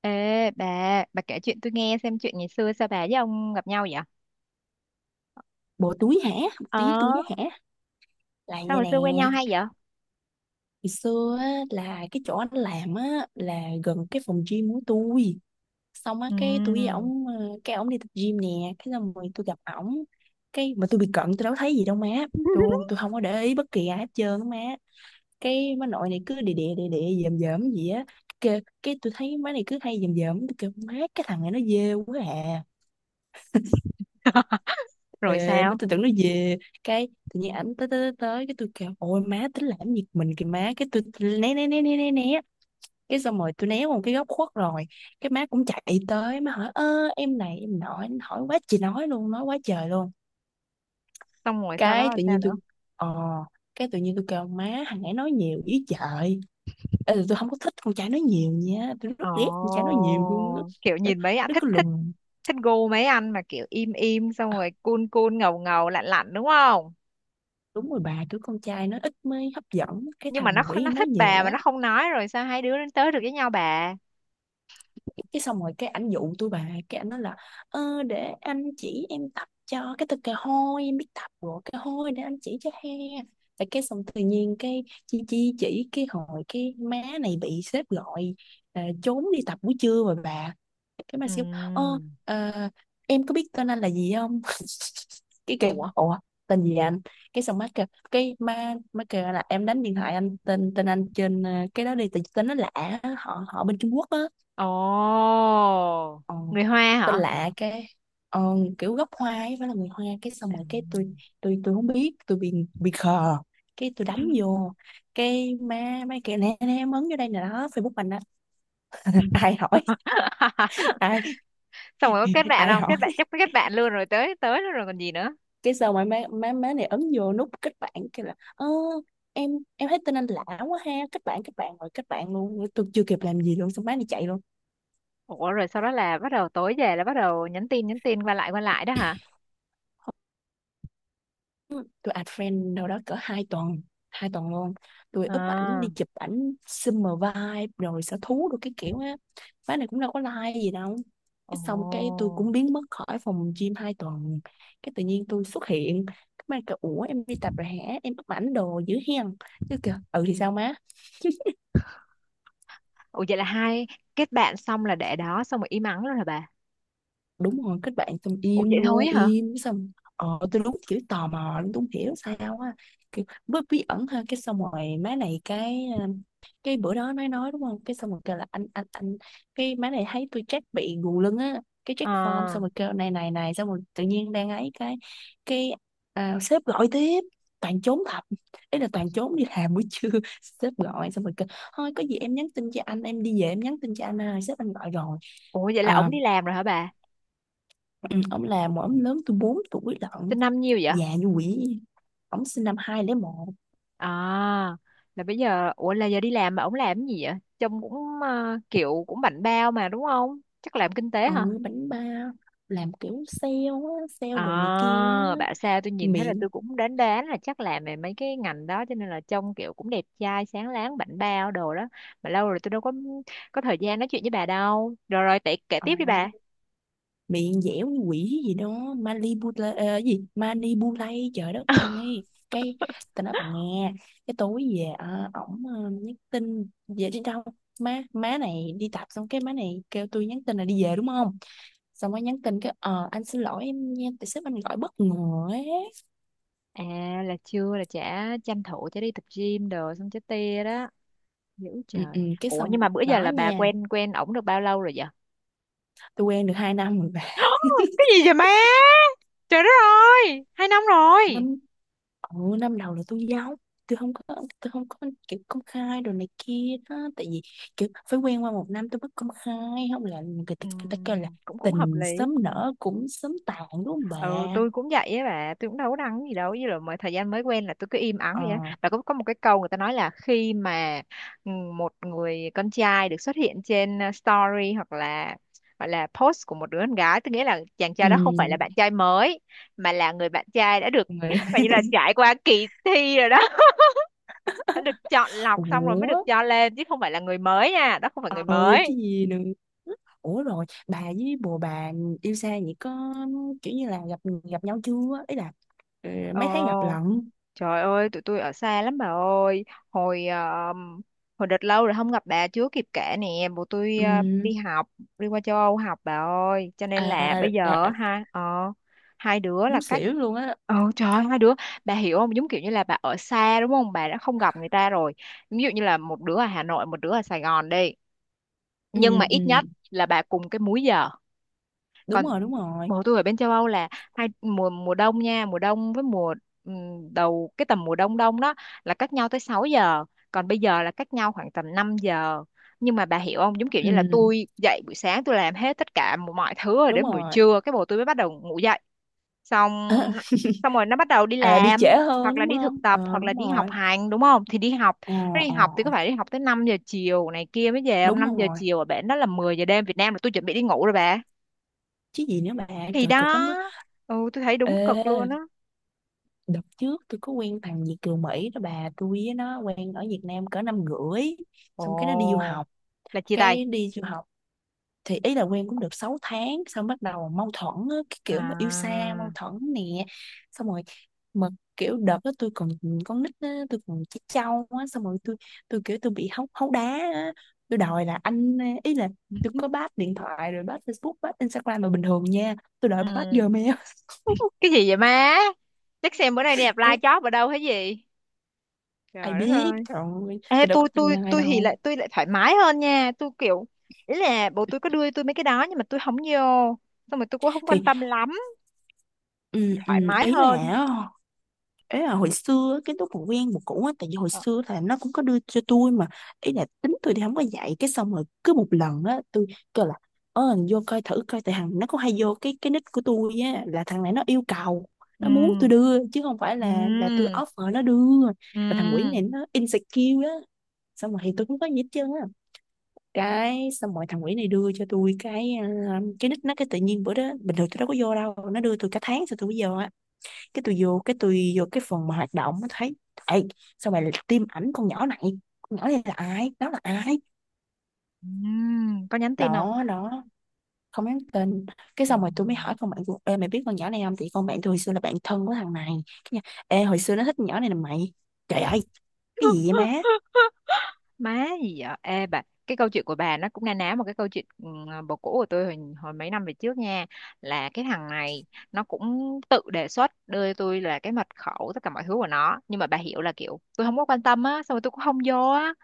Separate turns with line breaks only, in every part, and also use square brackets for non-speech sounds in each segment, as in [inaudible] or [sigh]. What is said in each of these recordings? Ê bà kể chuyện tôi nghe xem chuyện ngày xưa sao bà với ông gặp nhau vậy?
Bộ túi hả? Bộ
Ờ,
túi túi hả? Là
sao
vậy
hồi
nè.
xưa quen nhau hay vậy?
Ngày xưa á, là cái chỗ anh làm á là gần cái phòng gym của tôi. Xong á cái tôi với
Ừ.
ổng cái ổng đi tập gym nè. Cái xong rồi tôi gặp ổng. Cái mà tôi bị cận tôi đâu thấy gì đâu má. Tôi không có để ý bất kỳ ai hết trơn á má. Cái má nội này cứ đè đè đè đè dòm dòm gì á. Cái tôi thấy má này cứ hay dòm dòm, tôi kêu má cái thằng này nó ghê quá à.
[laughs] Rồi
Ê, má
sao?
tôi tưởng nó về. Cái tự nhiên ảnh tới tới tới tới, cái tôi kêu ôi má tính làm việc mình kìa má, cái tôi né né né né né né. Cái xong rồi tôi né qua một cái góc khuất rồi. Cái má cũng chạy tới, má hỏi ơ em này em, nói hỏi quá chị nói luôn, nói quá trời luôn.
Xong rồi sau đó
Cái
là
tự
sao
nhiên
nữa?
tôi ờ cái tự nhiên tôi kêu má, thằng ấy nói nhiều ý trời. Ê, tôi không có thích con trai nói nhiều nha, tôi
Ồ,
rất ghét con trai nói nhiều luôn á.
kiểu
Kiểu,
nhìn mấy anh
nó
thích
cứ
thích
lùng.
thích gu mấy anh mà kiểu im im xong rồi cool cool ngầu ngầu lạnh lạnh đúng không?
Đúng rồi bà, kiểu con trai nó ít mới hấp dẫn, cái
Nhưng mà nó
thằng quỷ
nó
nói
thích
nhiều
bà mà
á.
nó không nói, rồi sao hai đứa đến tới được với nhau bà?
Cái xong rồi cái ảnh dụ tôi bà, cái ảnh nói là để anh chỉ em tập cho, cái tôi kêu hôi em biết tập rồi, cái hôi để anh chỉ cho he. Tại cái xong tự nhiên cái chi chi chỉ cái hồi cái má này bị sếp gọi. À, trốn đi tập buổi trưa rồi bà. Cái mà
Ừ.
siêu. ờ ờ, em có biết tên anh là gì không? [laughs] Cái kêu
Ủa?
ủa tên gì anh? Cái xong má kêu, cái má má kêu là em đánh điện thoại anh, tên tên anh trên cái đó đi, tại tên nó lạ á, họ họ bên Trung Quốc á.
Ồ,
ờ,
người Hoa
Tên
hả?
lạ cái. ờ, Kiểu gốc Hoa ấy, phải là người Hoa. Cái xong rồi cái tôi, tôi không biết, tôi bị khờ. Cái tôi
Ừ.
đánh vô, cái má mấy kia nè nè, em ấn vô đây nè đó Facebook mình đó. [laughs] Ai hỏi?
[laughs]
Ai?
Xong rồi có kết bạn
Ai
không kết
hỏi?
bạn, chắc có kết bạn luôn rồi, tới tới luôn rồi còn gì nữa.
Cái xong rồi má má má này ấn vô nút kết bạn, cái là ơ em em thấy tên anh lạ quá ha, kết bạn rồi kết bạn luôn, tôi chưa kịp làm gì luôn, xong má này chạy luôn.
Ủa rồi sau đó là bắt đầu tối về là bắt đầu nhắn tin qua lại đó hả?
Tôi add friend đâu đó cỡ hai tuần, hai tuần luôn. Tôi úp ảnh
À,
đi chụp ảnh summer vibe rồi sở thú rồi cái kiểu á. Má này cũng đâu có like gì đâu.
ồ,
Cái xong cái tôi cũng biến mất khỏi phòng gym hai tuần. Cái tự nhiên tôi xuất hiện, cái má kêu ủa em đi tập rồi hả, em úp ảnh đồ dữ hen. Chứ kìa, ừ thì sao má.
ủa vậy là hai kết bạn xong là để đó xong rồi im ắng luôn hả bà?
Đúng rồi, kết bạn xong
Ủa
im
vậy thôi
luôn,
á hả?
im xong. Ờ, tôi đúng kiểu tò mò luôn, tôi không hiểu sao á, kiểu bí bí ẩn ha. Cái xong rồi má này cái cái bữa đó nói đúng không, cái xong rồi kêu là anh, cái má này thấy tôi check bị gù lưng á, cái
ờ
check form xong rồi kêu này này này, xong rồi tự nhiên đang ấy cái à, sếp gọi tiếp. Toàn trốn thật, ý là toàn trốn đi làm buổi trưa. [laughs] Sếp gọi xong rồi kêu thôi có gì em nhắn tin cho anh, em đi về em nhắn tin cho anh, à sếp anh gọi rồi.
Ủa vậy là
ờ,
ổng đi làm rồi hả bà?
Ừ, ông là một ông lớn, tôi 4 tuổi lận.
Sinh năm nhiêu vậy?
Già như quỷ. Ông sinh năm 2001.
À là bây giờ, ủa là giờ đi làm mà ổng làm cái gì vậy? Trông cũng kiểu cũng bảnh bao mà đúng không, chắc làm kinh tế hả?
Ừ, bánh ba, làm kiểu sale á, sale
À,
đồ này kia á.
bảo sao tôi nhìn thấy là
Miệng,
tôi cũng đoán đoán là chắc làm về mấy cái ngành đó, cho nên là trông kiểu cũng đẹp trai sáng láng bảnh bao đồ đó. Mà lâu rồi tôi đâu có thời gian nói chuyện với bà đâu, rồi rồi tệ kể
ờ,
tiếp đi bà.
miệng dẻo như quỷ gì đó, Manipula gì Manipulay trời đất
[laughs]
ơi. Cái tao nói bà nghe, cái tối về ổng nhắn tin về đi đâu. Má má này đi tập xong cái má này kêu tôi nhắn tin là đi về đúng không, xong mới nhắn tin cái ờ anh xin lỗi em nha, tại sếp anh gọi bất ngờ ấy.
À là chưa, là chả tranh thủ chả đi tập gym đồ xong chả tia đó. Dữ
Ừ,
trời.
ừ, cái
Ủa
xong.
nhưng mà bữa giờ
Đó
là bà
nha,
quen quen ổng được bao lâu rồi vậy?
tôi quen được 2 năm rồi bà.
[gasps] Cái gì vậy má? Trời đất ơi, 2 năm rồi.
Năm, ừ, năm đầu là tôi giấu, tôi không có tôi không có kiểu công khai đồ này kia đó. Tại vì kiểu phải quen qua một năm tôi mới công khai, không là người ta kêu là
Cũng cũng hợp
tình
lý.
sớm nở cũng sớm tàn đúng không bà.
Ừ tôi cũng vậy á bà, tôi cũng đâu có đăng gì đâu, với là mà thời gian mới quen là tôi cứ im ắng vậy á
Ờ.
bà, có một cái câu người ta nói là khi mà ừ, một người con trai được xuất hiện trên story hoặc là gọi là post của một đứa con gái tôi, nghĩa là chàng
Ừ.
trai đó không phải là bạn trai mới, mà là người bạn trai đã được
Người.
[laughs] và như là
[laughs]
trải qua kỳ thi rồi đó. [laughs] Đã được chọn lọc xong rồi mới
Ủa,
được cho lên, chứ không phải là người mới nha, đó không phải người
ờ, chứ
mới.
gì nữa. Ủa rồi bà với bồ bà yêu xa vậy có kiểu như là gặp gặp nhau chưa, ý là, ừ, mấy tháng gặp
Ồ.
lận.
Trời ơi, tụi tôi ở xa lắm bà ơi. Hồi ờ, hồi đợt lâu rồi không gặp bà chưa kịp kể nè. Bố tôi
Ừ,
đi học, đi qua châu Âu học bà ơi. Cho nên là
à,
bây giờ
à,
hai đứa là
muốn
cách.
xỉu luôn á.
Trời ơi, hai đứa, bà hiểu không, giống kiểu như là bà ở xa đúng không, bà đã không gặp người ta rồi, ví dụ như là một đứa ở Hà Nội một đứa ở Sài Gòn đi,
Ừ,
nhưng mà
ừ,
ít nhất là bà cùng cái múi giờ.
đúng
Còn
rồi đúng rồi.
mùa tôi ở bên châu Âu là hai mùa, mùa đông nha, mùa đông với mùa đầu cái tầm mùa đông đông đó, là cách nhau tới 6 giờ. Còn bây giờ là cách nhau khoảng tầm 5 giờ. Nhưng mà bà hiểu không, giống kiểu như là
Ừ,
tôi dậy buổi sáng tôi làm hết tất cả mọi thứ rồi
đúng
đến buổi
rồi.
trưa cái bồ tôi mới bắt đầu ngủ dậy. Xong xong rồi nó bắt đầu đi
À là đi
làm
trễ hơn
hoặc là
đúng
đi
không,
thực tập
ờ
hoặc là
đúng
đi học
rồi.
hành đúng không, thì đi học,
Ờ.
nó đi
Ờ
học thì có phải đi học tới 5 giờ chiều này kia mới về không,
đúng
5 giờ
rồi,
chiều ở bển đó là 10 giờ đêm Việt Nam là tôi chuẩn bị đi ngủ rồi bà.
chứ gì nữa bà.
Thì
Trời cực lắm
đó.
á.
Ừ tôi thấy
Ê
đúng cực luôn á.
đợt trước tôi có quen thằng Việt kiều Mỹ đó bà, tôi với nó quen ở Việt Nam cỡ năm rưỡi, xong cái nó đi du
Ồ,
học.
là chia tay
Cái đi du học, thì ý là quen cũng được 6 tháng xong bắt đầu mâu thuẫn á, cái kiểu mà yêu xa
à.
mâu thuẫn nè. Xong rồi mà kiểu đợt đó tôi còn con nít á, tôi còn trẻ trâu á, xong rồi tôi kiểu tôi bị hấu hấu đá á. Tôi đòi là anh, ý là tôi có bắt điện thoại rồi bắt Facebook bắt Instagram mà bình thường nha, tôi đòi bắt
Ừ.
Gmail. [laughs]
Cái gì vậy má, chắc xem bữa nay đi apply
Cái
job ở đâu hay gì.
ai
Trời đất
biết,
ơi.
trời ơi
Ê
tôi đâu có
tôi
tin
tôi
ai
tôi thì
đâu.
lại tôi lại thoải mái hơn nha, tôi kiểu, ý là bố tôi có đưa tôi mấy cái đó nhưng mà tôi không vô, xong rồi tôi cũng không quan
Thì
tâm lắm.
ừ, ừ,
Thoải. Ừ. Mái
ý là
hơn.
ấy là hồi xưa á, cái lúc mà quen một cũ á, tại vì hồi
Ờ,
xưa là nó cũng có đưa cho tôi mà, ý là tính tôi thì không có dạy. Cái xong rồi cứ một lần á tôi kêu là ờ thằng vô coi thử coi, tại thằng nó cũng hay vô cái nick của tôi á, là thằng này nó yêu cầu, nó muốn tôi
ừ,
đưa chứ không phải là tôi
ừ,
offer nó đưa.
ừ,
Là thằng quỷ này nó insecure á, xong rồi thì tôi cũng có gì hết trơn á. Cái xong rồi thằng quỷ này đưa cho tôi cái ờ, cái nick nó, cái tự nhiên bữa đó bình thường tôi đâu có vô đâu, nó đưa tôi cả tháng sau tôi mới vô á. Cái tôi vô cái phần mà hoạt động, nó thấy. Ê, sao mày tiêm ảnh con nhỏ này, con nhỏ này là ai, nó là ai?
ừ, có nhắn tin không?
Đó đó, không nhắn tin. Cái
Ừ.
xong rồi tôi mới hỏi con bạn của, ê mày biết con nhỏ này không, thì con bạn tôi hồi xưa là bạn thân của thằng này. Cái nhà, ê hồi xưa nó thích con nhỏ này là mày. Trời ơi, cái gì
[laughs]
vậy má.
Má gì vậy ê bà, cái câu chuyện của bà nó cũng na ná một cái câu chuyện, ừ, bồ cũ của tôi hồi mấy năm về trước nha, là cái thằng này nó cũng tự đề xuất đưa cho tôi là cái mật khẩu tất cả mọi thứ của nó, nhưng mà bà hiểu là kiểu tôi không có quan tâm á, xong rồi tôi cũng không vô á.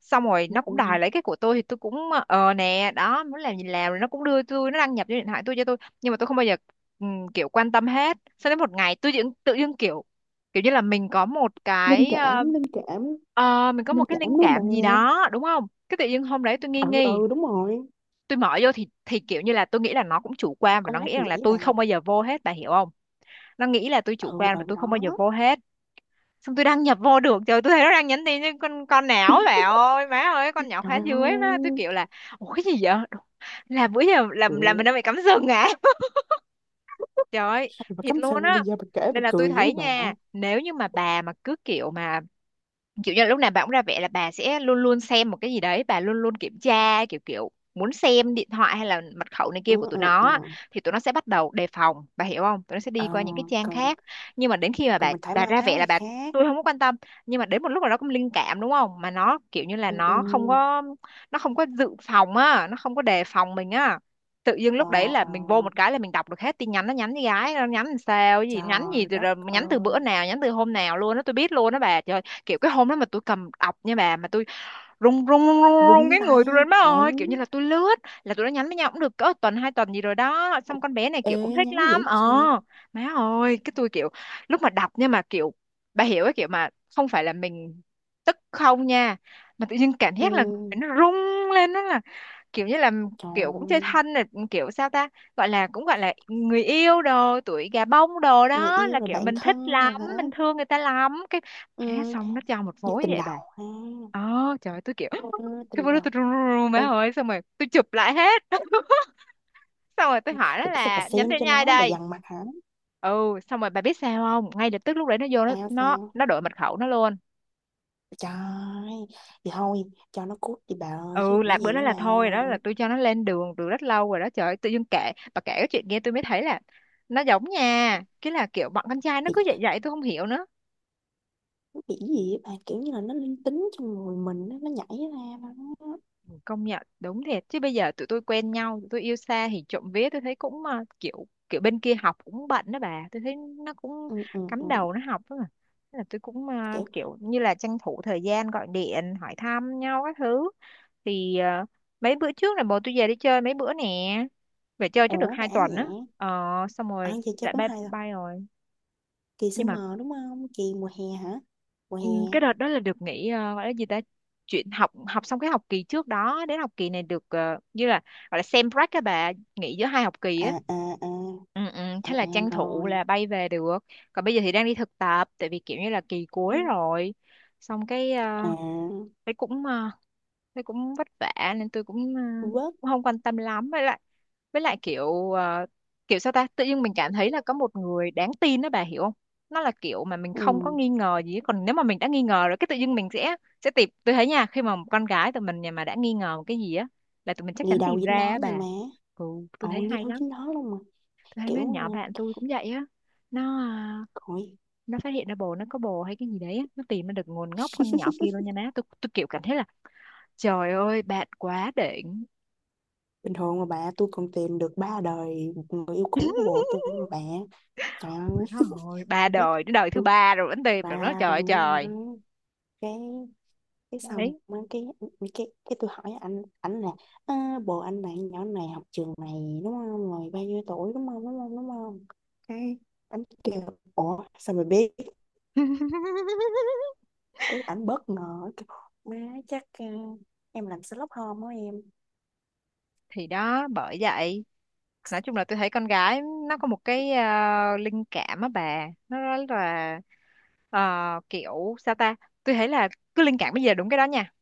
Xong rồi nó cũng
Ừ.
đòi lấy cái của tôi thì tôi cũng nè đó, muốn làm gì làm, rồi nó cũng đưa tôi, nó đăng nhập vô điện thoại tôi cho tôi nhưng mà tôi không bao giờ ừ, kiểu quan tâm hết. Sau đến một ngày tôi tự dưng kiểu kiểu như là mình có một
Linh
cái.
cảm linh cảm,
Ờ, mình có một
linh
cái
cảm
linh
đúng không bà.
cảm gì đó đúng không, cái tự nhiên hôm đấy tôi nghi
Ừ
nghi,
ừ đúng rồi,
tôi mở vô thì kiểu như là tôi nghĩ là nó cũng chủ quan và
con
nó
gái
nghĩ
mình
rằng là
vậy
tôi
bà.
không bao giờ vô hết, bà hiểu không, nó nghĩ là tôi chủ
Ừ
quan
ừ
và tôi không bao
đó.
giờ vô hết. Xong tôi đăng nhập vô được, trời tôi thấy nó đang nhắn tin với con não bà
[laughs]
ơi, má ơi con nhỏ
Trời
khóa
ơi.
dưới má, tôi kiểu là ủa cái gì vậy. Đúng, là bữa giờ làm mình
Ừ.
đang bị cắm sừng à. [laughs] Trời ơi.
Bà
Thiệt
cắm
luôn
sừng
á.
bây giờ bà kể
Nên
bà
là tôi
cười dữ
thấy
bà.
nha, nếu như mà bà mà cứ kiểu mà kiểu như là lúc nào bà cũng ra vẻ là bà sẽ luôn luôn xem một cái gì đấy, bà luôn luôn kiểm tra kiểu kiểu muốn xem điện thoại hay là mật khẩu này
Ừ
kia của tụi
ừ
nó
ừ.
á, thì tụi nó sẽ bắt đầu đề phòng, bà hiểu không, tụi nó sẽ đi
Ờ,
qua những cái trang
còn,
khác. Nhưng mà đến khi mà
còn
bà
mình thoải
bà
mái
ra vẻ
quá
là
thì
bà
khác.
tôi không có quan tâm, nhưng mà đến một lúc nào đó cũng linh cảm đúng không, mà nó kiểu như là
Ừ ừ.
nó không có, nó không có dự phòng á, nó không có đề phòng mình á, tự dưng
Ờ.
lúc đấy là
Ờ.
mình vô một cái là mình đọc được hết tin nhắn, nó nhắn với gái, nó nhắn làm sao, cái gì, nhắn gì
Trời
từ,
đất
rồi nhắn từ
ơi.
bữa nào, nhắn từ hôm nào luôn đó, tôi biết luôn đó bà trời. Kiểu cái hôm đó mà tôi cầm ọc nha bà, mà tôi rung rung rung rung rùng
Đúng
cái người
tay,
tôi lên má ơi, kiểu như
đúng.
là tôi lướt, là tôi đã nhắn với nhau cũng được cỡ tuần 2 tuần gì rồi đó, xong con bé này
Ê
kiểu cũng thích
nhắn dữ
lắm ờ,
cha.
má ơi cái tôi kiểu lúc mà đọc, nhưng mà kiểu bà hiểu cái kiểu mà không phải là mình tức không nha, mà tự nhiên cảm
Ừ,
giác là người nó rung lên đó, là kiểu như là kiểu cũng chơi
trời,
thân này kiểu sao ta, gọi là cũng gọi là người yêu đồ tuổi gà bông đồ
người
đó,
yêu
là
rồi
kiểu
bạn
mình thích
thân rồi
lắm
hả?
mình thương người ta lắm, cái má
Ừ.
xong nó cho một
Như
phối
tình
vậy
đầu
bà.
ha.
Ờ, trời ơi, tôi kiểu
Ừ,
[laughs] cái
tình
bữa đó tôi
đầu.
run run run má
Ê
ơi, xong rồi tôi chụp lại hết. [laughs] Xong rồi tôi hỏi nó
rồi cái sao bà
là
xem
nhánh thế
cho
nhai
nó, bà
đây.
dằn mặt hả?
Ừ xong rồi bà biết sao không, ngay lập tức lúc đấy nó vô nó
Sao
nó
sao?
nó đổi mật khẩu nó luôn.
Trời. Thì thôi, cho nó cút đi bà ơi, chứ
Ừ
còn
là
cái
bữa
gì
đó
nữa
là
bà
thôi, đó là
ơi.
tôi cho nó lên đường từ rất lâu rồi đó. Trời ơi, tự dưng kể, bà kể cái chuyện nghe tôi mới thấy là nó giống nha, cái là kiểu bọn con trai nó cứ vậy vậy tôi không hiểu nữa.
Bị gì á bạn, kiểu như là nó linh tính trong người mình á, nó nhảy ra mà nó.
Công nhận đúng thiệt, chứ bây giờ tụi tôi quen nhau tụi tôi yêu xa thì trộm vía tôi thấy cũng kiểu kiểu bên kia học cũng bận đó bà, tôi thấy nó cũng
Ừ, ừ, ừ.
cắm đầu nó học đó mà. Thế là tôi cũng
Kiểu.
kiểu như là tranh thủ thời gian gọi điện hỏi thăm nhau các thứ, thì mấy bữa trước là bố tôi về đi chơi mấy bữa nè, về chơi chắc được
Ủa đã
2 tuần á.
vậy.
Ờ xong
À
rồi
giờ chơi
lại
cũng
bye
hay rồi.
bye rồi.
Kỳ
Nhưng mà,
summer đúng không, kỳ mùa hè hả, mùa
ừ,
hè.
cái đợt đó là được nghỉ gọi là gì ta, chuyện học học xong cái học kỳ trước đó đến học kỳ này được như là gọi là sem break các bà, nghỉ giữa 2 học kỳ
À.
á.
À à.
Ừ, ừ,
À,
thế là
à
tranh thủ
rồi.
là bay về được. Còn bây giờ thì đang đi thực tập tại vì kiểu như là kỳ cuối
Ừ.
rồi. Xong cái
À.
thế cũng thế cũng vất vả nên tôi cũng,
Vớt.
cũng không quan tâm lắm, với lại kiểu kiểu sao ta, tự nhiên mình cảm thấy là có một người đáng tin đó bà hiểu không, nó là kiểu mà mình không có
Ừ.
nghi ngờ gì hết. Còn nếu mà mình đã nghi ngờ rồi cái tự nhiên mình sẽ tìm, tôi thấy nha khi mà một con gái tụi mình nhà mà đã nghi ngờ một cái gì á là tụi mình chắc
Ngày
chắn
đầu
tìm
dính
ra
đó
á
nha
bà.
má.
Ừ tôi
Ồ
thấy
ngày
hay
đầu
lắm,
dính đó luôn mà.
tôi thấy mấy
Kiểu.
con nhỏ bạn tôi cũng vậy á, nó
Coi.
nó phát hiện ra bồ nó có bồ hay cái gì đấy á, nó tìm ra được nguồn gốc con nhỏ kia luôn
[laughs]
nha má, tôi kiểu cảm thấy là trời ơi, bạn quá đỉnh.
Bình thường mà bà, tôi còn tìm được ba đời người yêu cũ của bồ
[laughs]
tôi mà bà. Trời ơi.
Rồi, ba
Thế,
đời, đến đời thứ
tôi,
ba rồi vẫn tìm được nó,
và
trời ơi
đúng
trời.
rồi. cái cái xong
Đấy.
mới cái, cái tôi hỏi anh là "Ờ, bồ anh bạn nhỏ này học trường này đúng không, rồi bao nhiêu tuổi, đúng không đúng không đúng không". Cái anh kêu ủa sao mày biết,
[laughs]
cái ảnh bất ngờ kêu, má chắc ờ, em làm Sherlock Holmes đó em.
Thì đó, bởi vậy. Nói chung là tôi thấy con gái nó có một cái linh cảm á bà. Nó rất là ờ, kiểu sao ta? Tôi thấy là cứ linh cảm bây giờ đúng cái đó nha.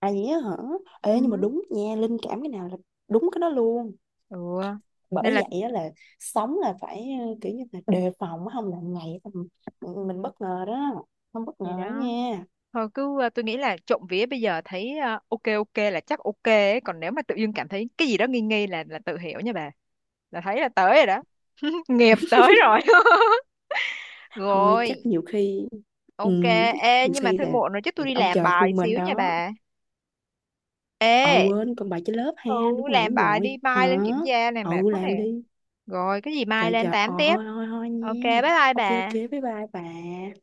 À gì á hả. Ê nhưng mà
Ừ.
đúng nha, linh cảm cái nào là đúng cái đó luôn.
Ừ.
Bởi
Nên là
vậy á là sống là phải ờ, kiểu như là đề phòng á, không là ngày tầm- mình bất ngờ đó, không bất
thì
ngờ đó
đó,
nha.
thôi cứ tôi nghĩ là trộm vía bây giờ thấy ok ok là chắc ok ấy. Còn nếu mà tự dưng cảm thấy cái gì đó nghi nghi là tự hiểu nha bà, là thấy là tới rồi đó. [laughs] Nghiệp tới rồi. [laughs]
Thôi
Rồi
chắc nhiều khi, ừ,
ok.
chắc
Ê
nhiều
nhưng mà
khi
thôi
là
muộn rồi, chứ tôi đi
ông
làm
trời
bài
thương mình
xíu nha
đó.
bà.
Ờ
Ê
quên con bài trên lớp ha.
ừ
Đúng rồi
làm
đúng
bài đi
rồi
mai lên
hả.
kiểm tra này, mệt
Ừ
quá
làm
nè.
đi.
Rồi cái gì mai
trời
lên
trời
tám
ờ
tiếp.
thôi thôi thôi
OK, bye
nha.
bye
OK OK
bà.
bye bye bà.